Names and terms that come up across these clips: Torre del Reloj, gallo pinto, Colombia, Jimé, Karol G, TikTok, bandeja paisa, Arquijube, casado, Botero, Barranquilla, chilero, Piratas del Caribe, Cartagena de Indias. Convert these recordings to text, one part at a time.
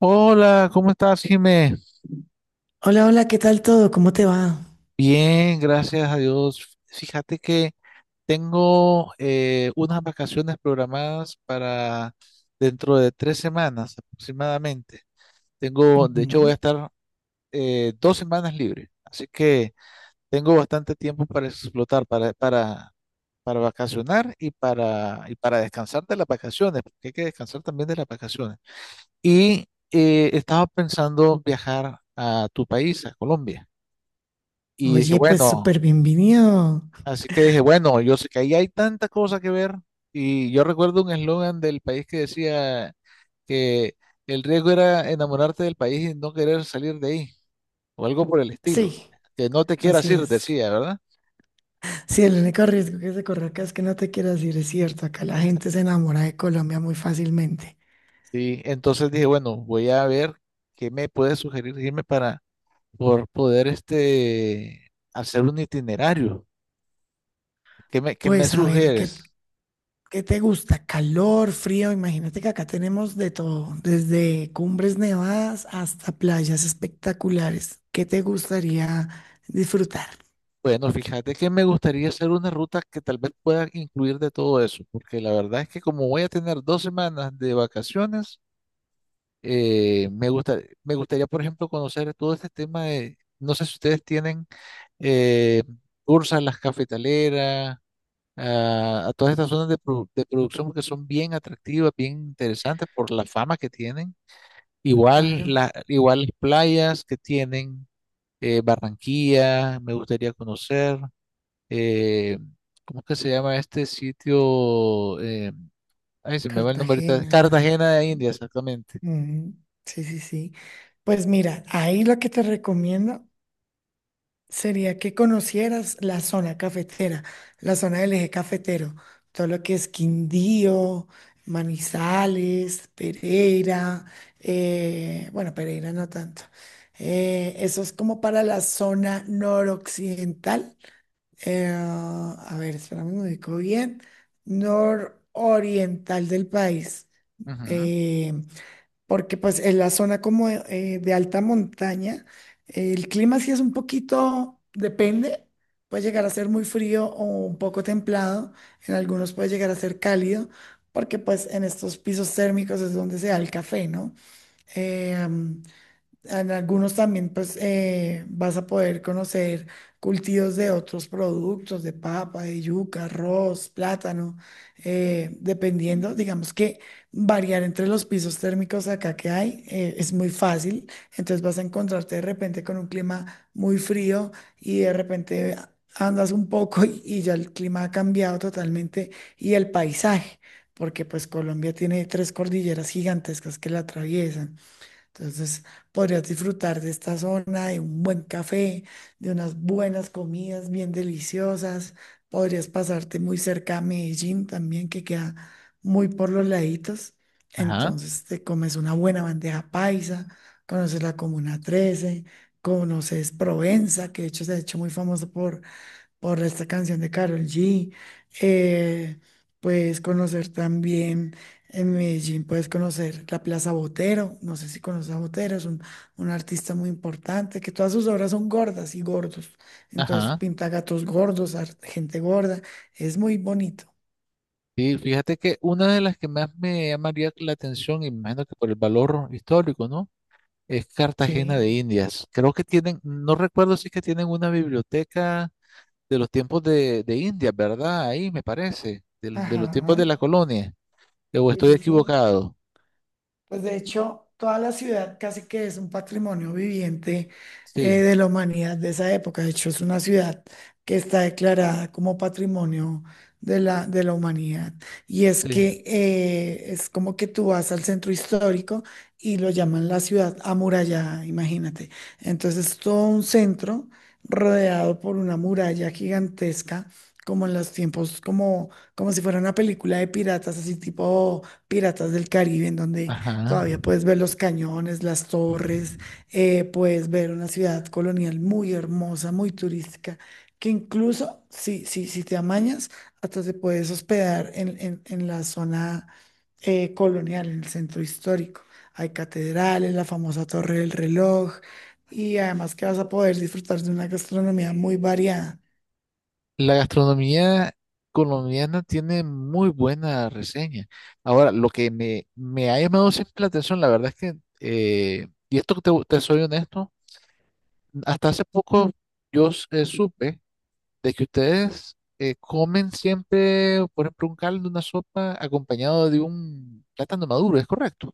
Hola, ¿cómo estás, Jimé? Hola, hola, ¿qué tal todo? ¿Cómo te va? Bien, gracias a Dios. Fíjate que tengo unas vacaciones programadas para dentro de 3 semanas aproximadamente. Tengo, de hecho, voy a Ujú. estar 2 semanas libre, así que tengo bastante tiempo para explotar, para vacacionar y para descansar de las vacaciones, porque hay que descansar también de las vacaciones. Y estaba pensando viajar a tu país, a Colombia. Y dije, Oye, pues bueno, súper bienvenido. así que dije, bueno, yo sé que ahí hay tanta cosa que ver. Y yo recuerdo un eslogan del país que decía que el riesgo era enamorarte del país y no querer salir de ahí, o algo por el estilo. Sí, Que no te quieras así ir, es. decía, ¿verdad? Sí, el único riesgo que se corre acá es que no te quieras ir, es cierto. Acá la gente se enamora de Colombia muy fácilmente. Sí, entonces dije, bueno, voy a ver qué me puede sugerir irme para por poder este hacer un itinerario. ¿Qué me Pues a ver, sugieres? qué te gusta? ¿Calor, frío? Imagínate que acá tenemos de todo, desde cumbres nevadas hasta playas espectaculares. ¿Qué te gustaría disfrutar? Bueno, fíjate que me gustaría hacer una ruta que tal vez pueda incluir de todo eso, porque la verdad es que como voy a tener 2 semanas de vacaciones, me gusta, me gustaría, por ejemplo, conocer todo este tema de, no sé si ustedes tienen eh, tours a las cafetaleras, a todas estas zonas de, de producción, que son bien atractivas, bien interesantes por la fama que tienen. Igual, Claro, igual las playas que tienen, Barranquilla, me gustaría conocer eh, ¿cómo es que se llama este sitio? Ay, se me va el nombre ahorita. Cartagena. Cartagena de India, exactamente. Ujú, sí, sí, sí. Pues mira, ahí lo que te recomiendo sería que conocieras la zona cafetera, la zona del eje cafetero, todo lo que es Quindío, Manizales, Pereira, bueno, Pereira no tanto. Eso es como para la zona noroccidental. A ver, espérame, me ubico bien. Nororiental del país. Ujú, Eh, porque pues en la zona como de alta montaña, el clima sí es un poquito, depende, puede llegar a ser muy frío o un poco templado, en algunos puede llegar a ser cálido, porque pues en estos pisos térmicos es donde se da el café, ¿no? En algunos también, pues, vas a poder conocer cultivos de otros productos, de papa, de yuca, arroz, plátano, dependiendo, digamos que variar entre los pisos térmicos acá que hay es muy fácil. Entonces vas a encontrarte de repente con un clima muy frío y de repente andas un poco y ya el clima ha cambiado totalmente y el paisaje, porque pues Colombia tiene tres cordilleras gigantescas que la atraviesan. Entonces, podrías disfrutar de esta zona, de un buen café, de unas buenas comidas bien deliciosas. Podrías pasarte muy cerca a Medellín también, que queda muy por los laditos. ajá, Entonces, te comes una buena bandeja paisa, conoces la Comuna 13, conoces Provenza, que de hecho se ha hecho muy famoso por esta canción de Karol G. eh, puedes conocer también en Medellín, puedes conocer la Plaza Botero. No sé si conoces a Botero, es un artista muy importante, que todas sus obras son gordas y gordos. Entonces ajá. pinta gatos gordos, gente gorda. Es muy bonito. Sí, fíjate que una de las que más me llamaría la atención, y me imagino que por el valor histórico, ¿no? Es Cartagena Sí. de Indias. Creo que tienen, no recuerdo si es que tienen una biblioteca de los tiempos de India, ¿verdad? Ahí me parece, los tiempos de Ajá. la colonia. ¿O Sí, estoy sí, sí. equivocado? Pues de hecho, toda la ciudad casi que es un patrimonio viviente Sí, de la humanidad de esa época. De hecho, es una ciudad que está declarada como patrimonio de de la humanidad. Y es sí. que es como que tú vas al centro histórico y lo llaman la ciudad amurallada, imagínate. Entonces, todo un centro rodeado por una muralla gigantesca, como en los tiempos, como si fuera una película de piratas, así tipo Piratas del Caribe, en donde Ajá. todavía puedes ver los cañones, las torres, puedes ver una ciudad colonial muy hermosa, muy turística, que incluso si te amañas, hasta te puedes hospedar en, en la zona colonial, en el centro histórico. Hay catedrales, la famosa Torre del Reloj, y además que vas a poder disfrutar de una gastronomía muy variada. La gastronomía colombiana tiene muy buena reseña. Ahora, lo que me ha llamado siempre la atención, la verdad es que, y esto te soy honesto, hasta hace poco yo supe de que ustedes comen siempre, por ejemplo, un caldo, una sopa acompañado de un plátano maduro, es correcto,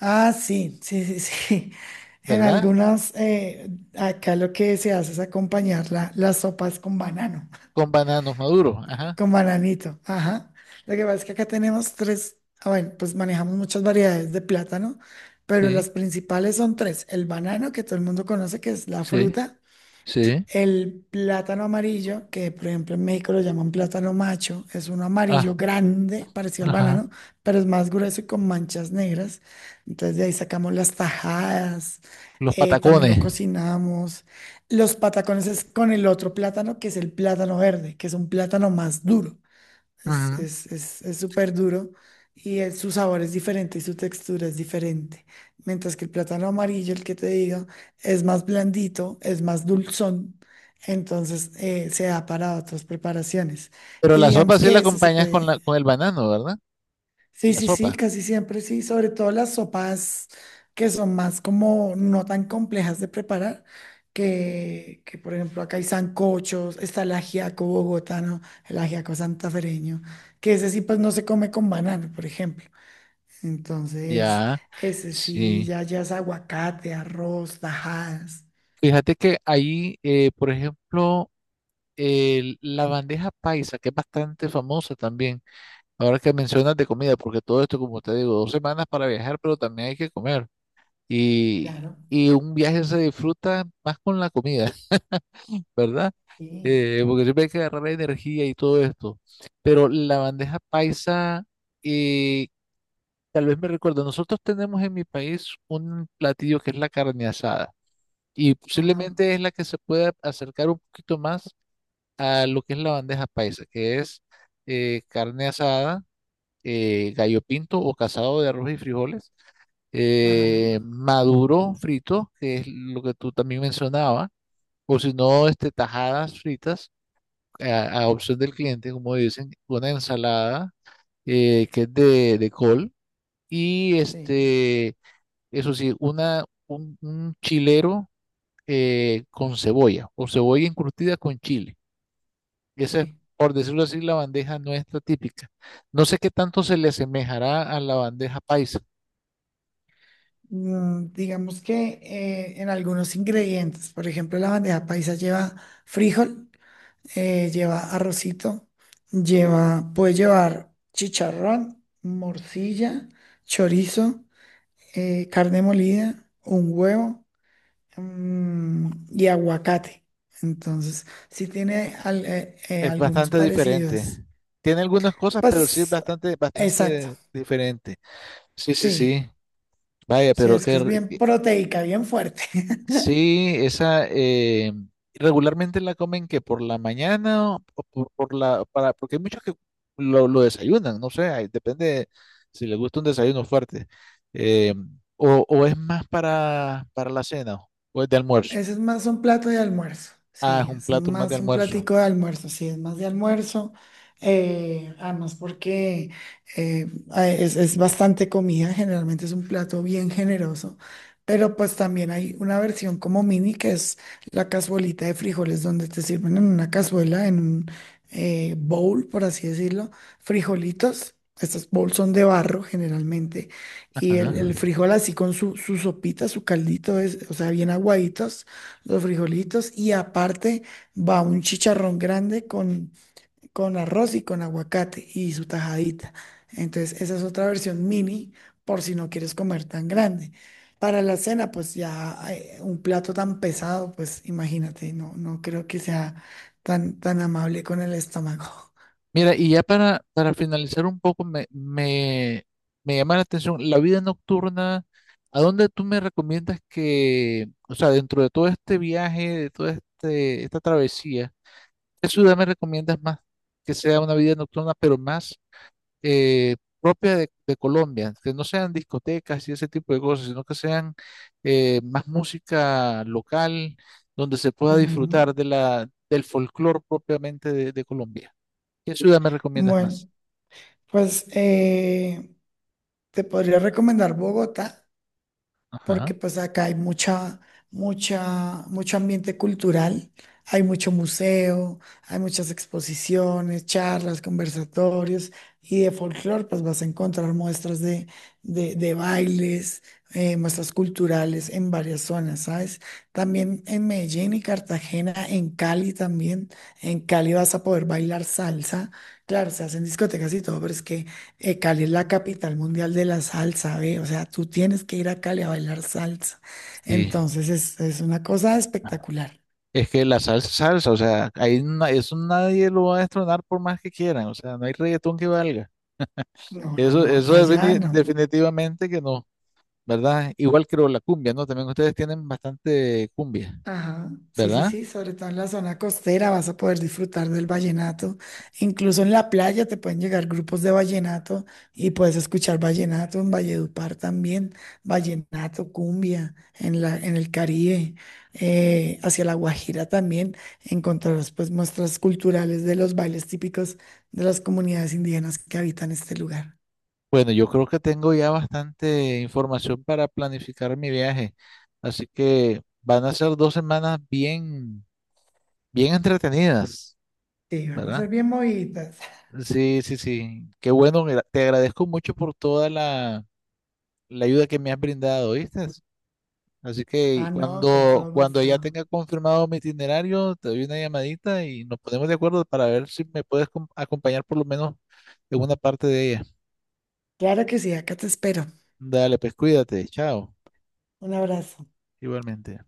Ah, sí, sí, sí, sí. En ¿verdad? algunas, acá lo que se hace es acompañar las sopas con banano, Con bananos maduros, ajá. con bananito. Ajá. Lo que pasa es que acá tenemos tres, ah, bueno, pues manejamos muchas variedades de plátano, pero Sí, las principales son tres. El banano, que todo el mundo conoce, que es la sí, fruta. sí. El plátano amarillo, que por ejemplo en México lo llaman plátano macho, es un Ah, amarillo grande, parecido al ajá. banano, pero es más grueso y con manchas negras. Entonces de ahí sacamos las tajadas, Los también lo patacones. cocinamos. Los patacones es con el otro plátano, que es el plátano verde, que es un plátano más duro. Ujú. Es súper duro y su sabor es diferente y su textura es diferente. Mientras que el plátano amarillo, el que te digo, es más blandito, es más dulzón, entonces se da para otras preparaciones. Pero Y la sopa digamos sí la que ese se acompañas con, puede. con el banano, ¿verdad? Sí, La sí, sí, sopa. casi siempre sí, sobre todo las sopas que son más como no tan complejas de preparar, que por ejemplo acá hay sancochos, está el ajiaco bogotano, el ajiaco santafereño, que ese sí pues no se come con banano, por ejemplo. Entonces, Ya, ese sí sí. ya, ya es aguacate, arroz, tajadas. Fíjate que ahí, por ejemplo, la bandeja paisa, que es bastante famosa también, ahora que mencionas de comida, porque todo esto, como te digo, 2 semanas para viajar, pero también hay que comer. Y, Claro, y un viaje se disfruta más con la comida, ¿verdad? sí. Porque siempre hay que agarrar energía y todo esto. Pero la bandeja paisa, eh, tal vez me recuerdo, nosotros tenemos en mi país un platillo que es la carne asada y Ajá, posiblemente es la que se puede acercar un poquito más a lo que es la bandeja paisa, que es carne asada, gallo pinto o casado de arroz y frijoles, ajá, maduro frito, que es lo que tú también mencionabas, o si no, este, tajadas fritas a opción del cliente, como dicen, una ensalada que es de col y sí, eso sí, un chilero con cebolla o cebolla encurtida con chile. Esa es, sí. por decirlo así, la bandeja nuestra típica. No sé qué tanto se le asemejará a la bandeja paisa. Mm, digamos que en algunos ingredientes, por ejemplo, la bandeja paisa lleva frijol, lleva arrocito, lleva, puede llevar chicharrón, morcilla, chorizo, carne molida, un huevo, mm, y aguacate. Entonces, sí tiene Es algunos bastante parecidos. diferente. Tiene algunas cosas, pero sí es Pues, bastante, exacto, bastante diferente. Sí, sí, sí, sí. Vaya, sí, pero es que qué, es rico. bien proteica, bien fuerte. Sí, esa regularmente la comen que por la mañana o por, la para porque hay muchos que lo desayunan, no sé, ahí depende si les gusta un desayuno fuerte eh, o, es más para la cena o es de almuerzo. Ese es más un plato de almuerzo, Ah, es sí, un es plato más de más un almuerzo. platico de almuerzo, sí, es más de almuerzo. Además porque es bastante comida, generalmente es un plato bien generoso, pero pues también hay una versión como mini que es la cazuelita de frijoles donde te sirven en una cazuela, en un bowl, por así decirlo, frijolitos. Estos bowls son de barro generalmente y Ajá. El frijol así con su, su sopita, su caldito, es, o sea, bien aguaditos los frijolitos. Y aparte va un chicharrón grande con arroz y con aguacate y su tajadita. Entonces, esa es otra versión mini por si no quieres comer tan grande. Para la cena, pues ya un plato tan pesado, pues imagínate, no creo que sea tan amable con el estómago. Mira, y ya para finalizar un poco, me llama la atención la vida nocturna. ¿A dónde tú me recomiendas que, o sea, dentro de todo este viaje, de esta travesía, qué ciudad me recomiendas más que sea una vida nocturna, pero más propia de Colombia? Que no sean discotecas y ese tipo de cosas, sino que sean más música local, donde se pueda Ujú. disfrutar de del folclore propiamente de Colombia. ¿Qué ciudad me recomiendas más? Bueno, pues te podría recomendar Bogotá, Ajá. porque pues acá hay mucha, mucho ambiente cultural, hay mucho museo, hay muchas exposiciones, charlas, conversatorios, y de folclore pues vas a encontrar muestras de bailes, muestras culturales en varias zonas, ¿sabes? También en Medellín y Cartagena, en Cali también. En Cali vas a poder bailar salsa, claro, se hacen discotecas y todo, pero es que... Cali es la capital mundial de la salsa, ¿ve? O sea, tú tienes que ir a Cali a bailar salsa. Sí. Entonces es una cosa espectacular. Es que la salsa es salsa, o sea, ahí eso nadie lo va a destronar por más que quieran, o sea, no hay reggaetón que valga. No, no, Eso, no, eso allá no. definitivamente que no, ¿verdad? Igual creo la cumbia, ¿no? También ustedes tienen bastante cumbia, Ajá, sí, sí, ¿verdad? sí, sobre todo en la zona costera vas a poder disfrutar del vallenato. Incluso en la playa te pueden llegar grupos de vallenato y puedes escuchar vallenato en Valledupar también, vallenato, cumbia, en en el Caribe, hacia La Guajira también encontrarás pues muestras culturales de los bailes típicos de las comunidades indígenas que habitan este lugar. Bueno, yo creo que tengo ya bastante información para planificar mi viaje, así que van a ser 2 semanas bien, bien entretenidas, Sí, vamos a ¿verdad? ser bien movidas. Sí, sí, sí. Qué bueno, te agradezco mucho por toda la ayuda que me has brindado, ¿viste? Así que Ah, no, con cuando, todo cuando gusto. ya tenga confirmado mi itinerario, te doy una llamadita y nos ponemos de acuerdo para ver si me puedes acompañar por lo menos en una parte de ella. Claro que sí, acá te espero. Dale, pues cuídate, chao, Un abrazo. igualmente.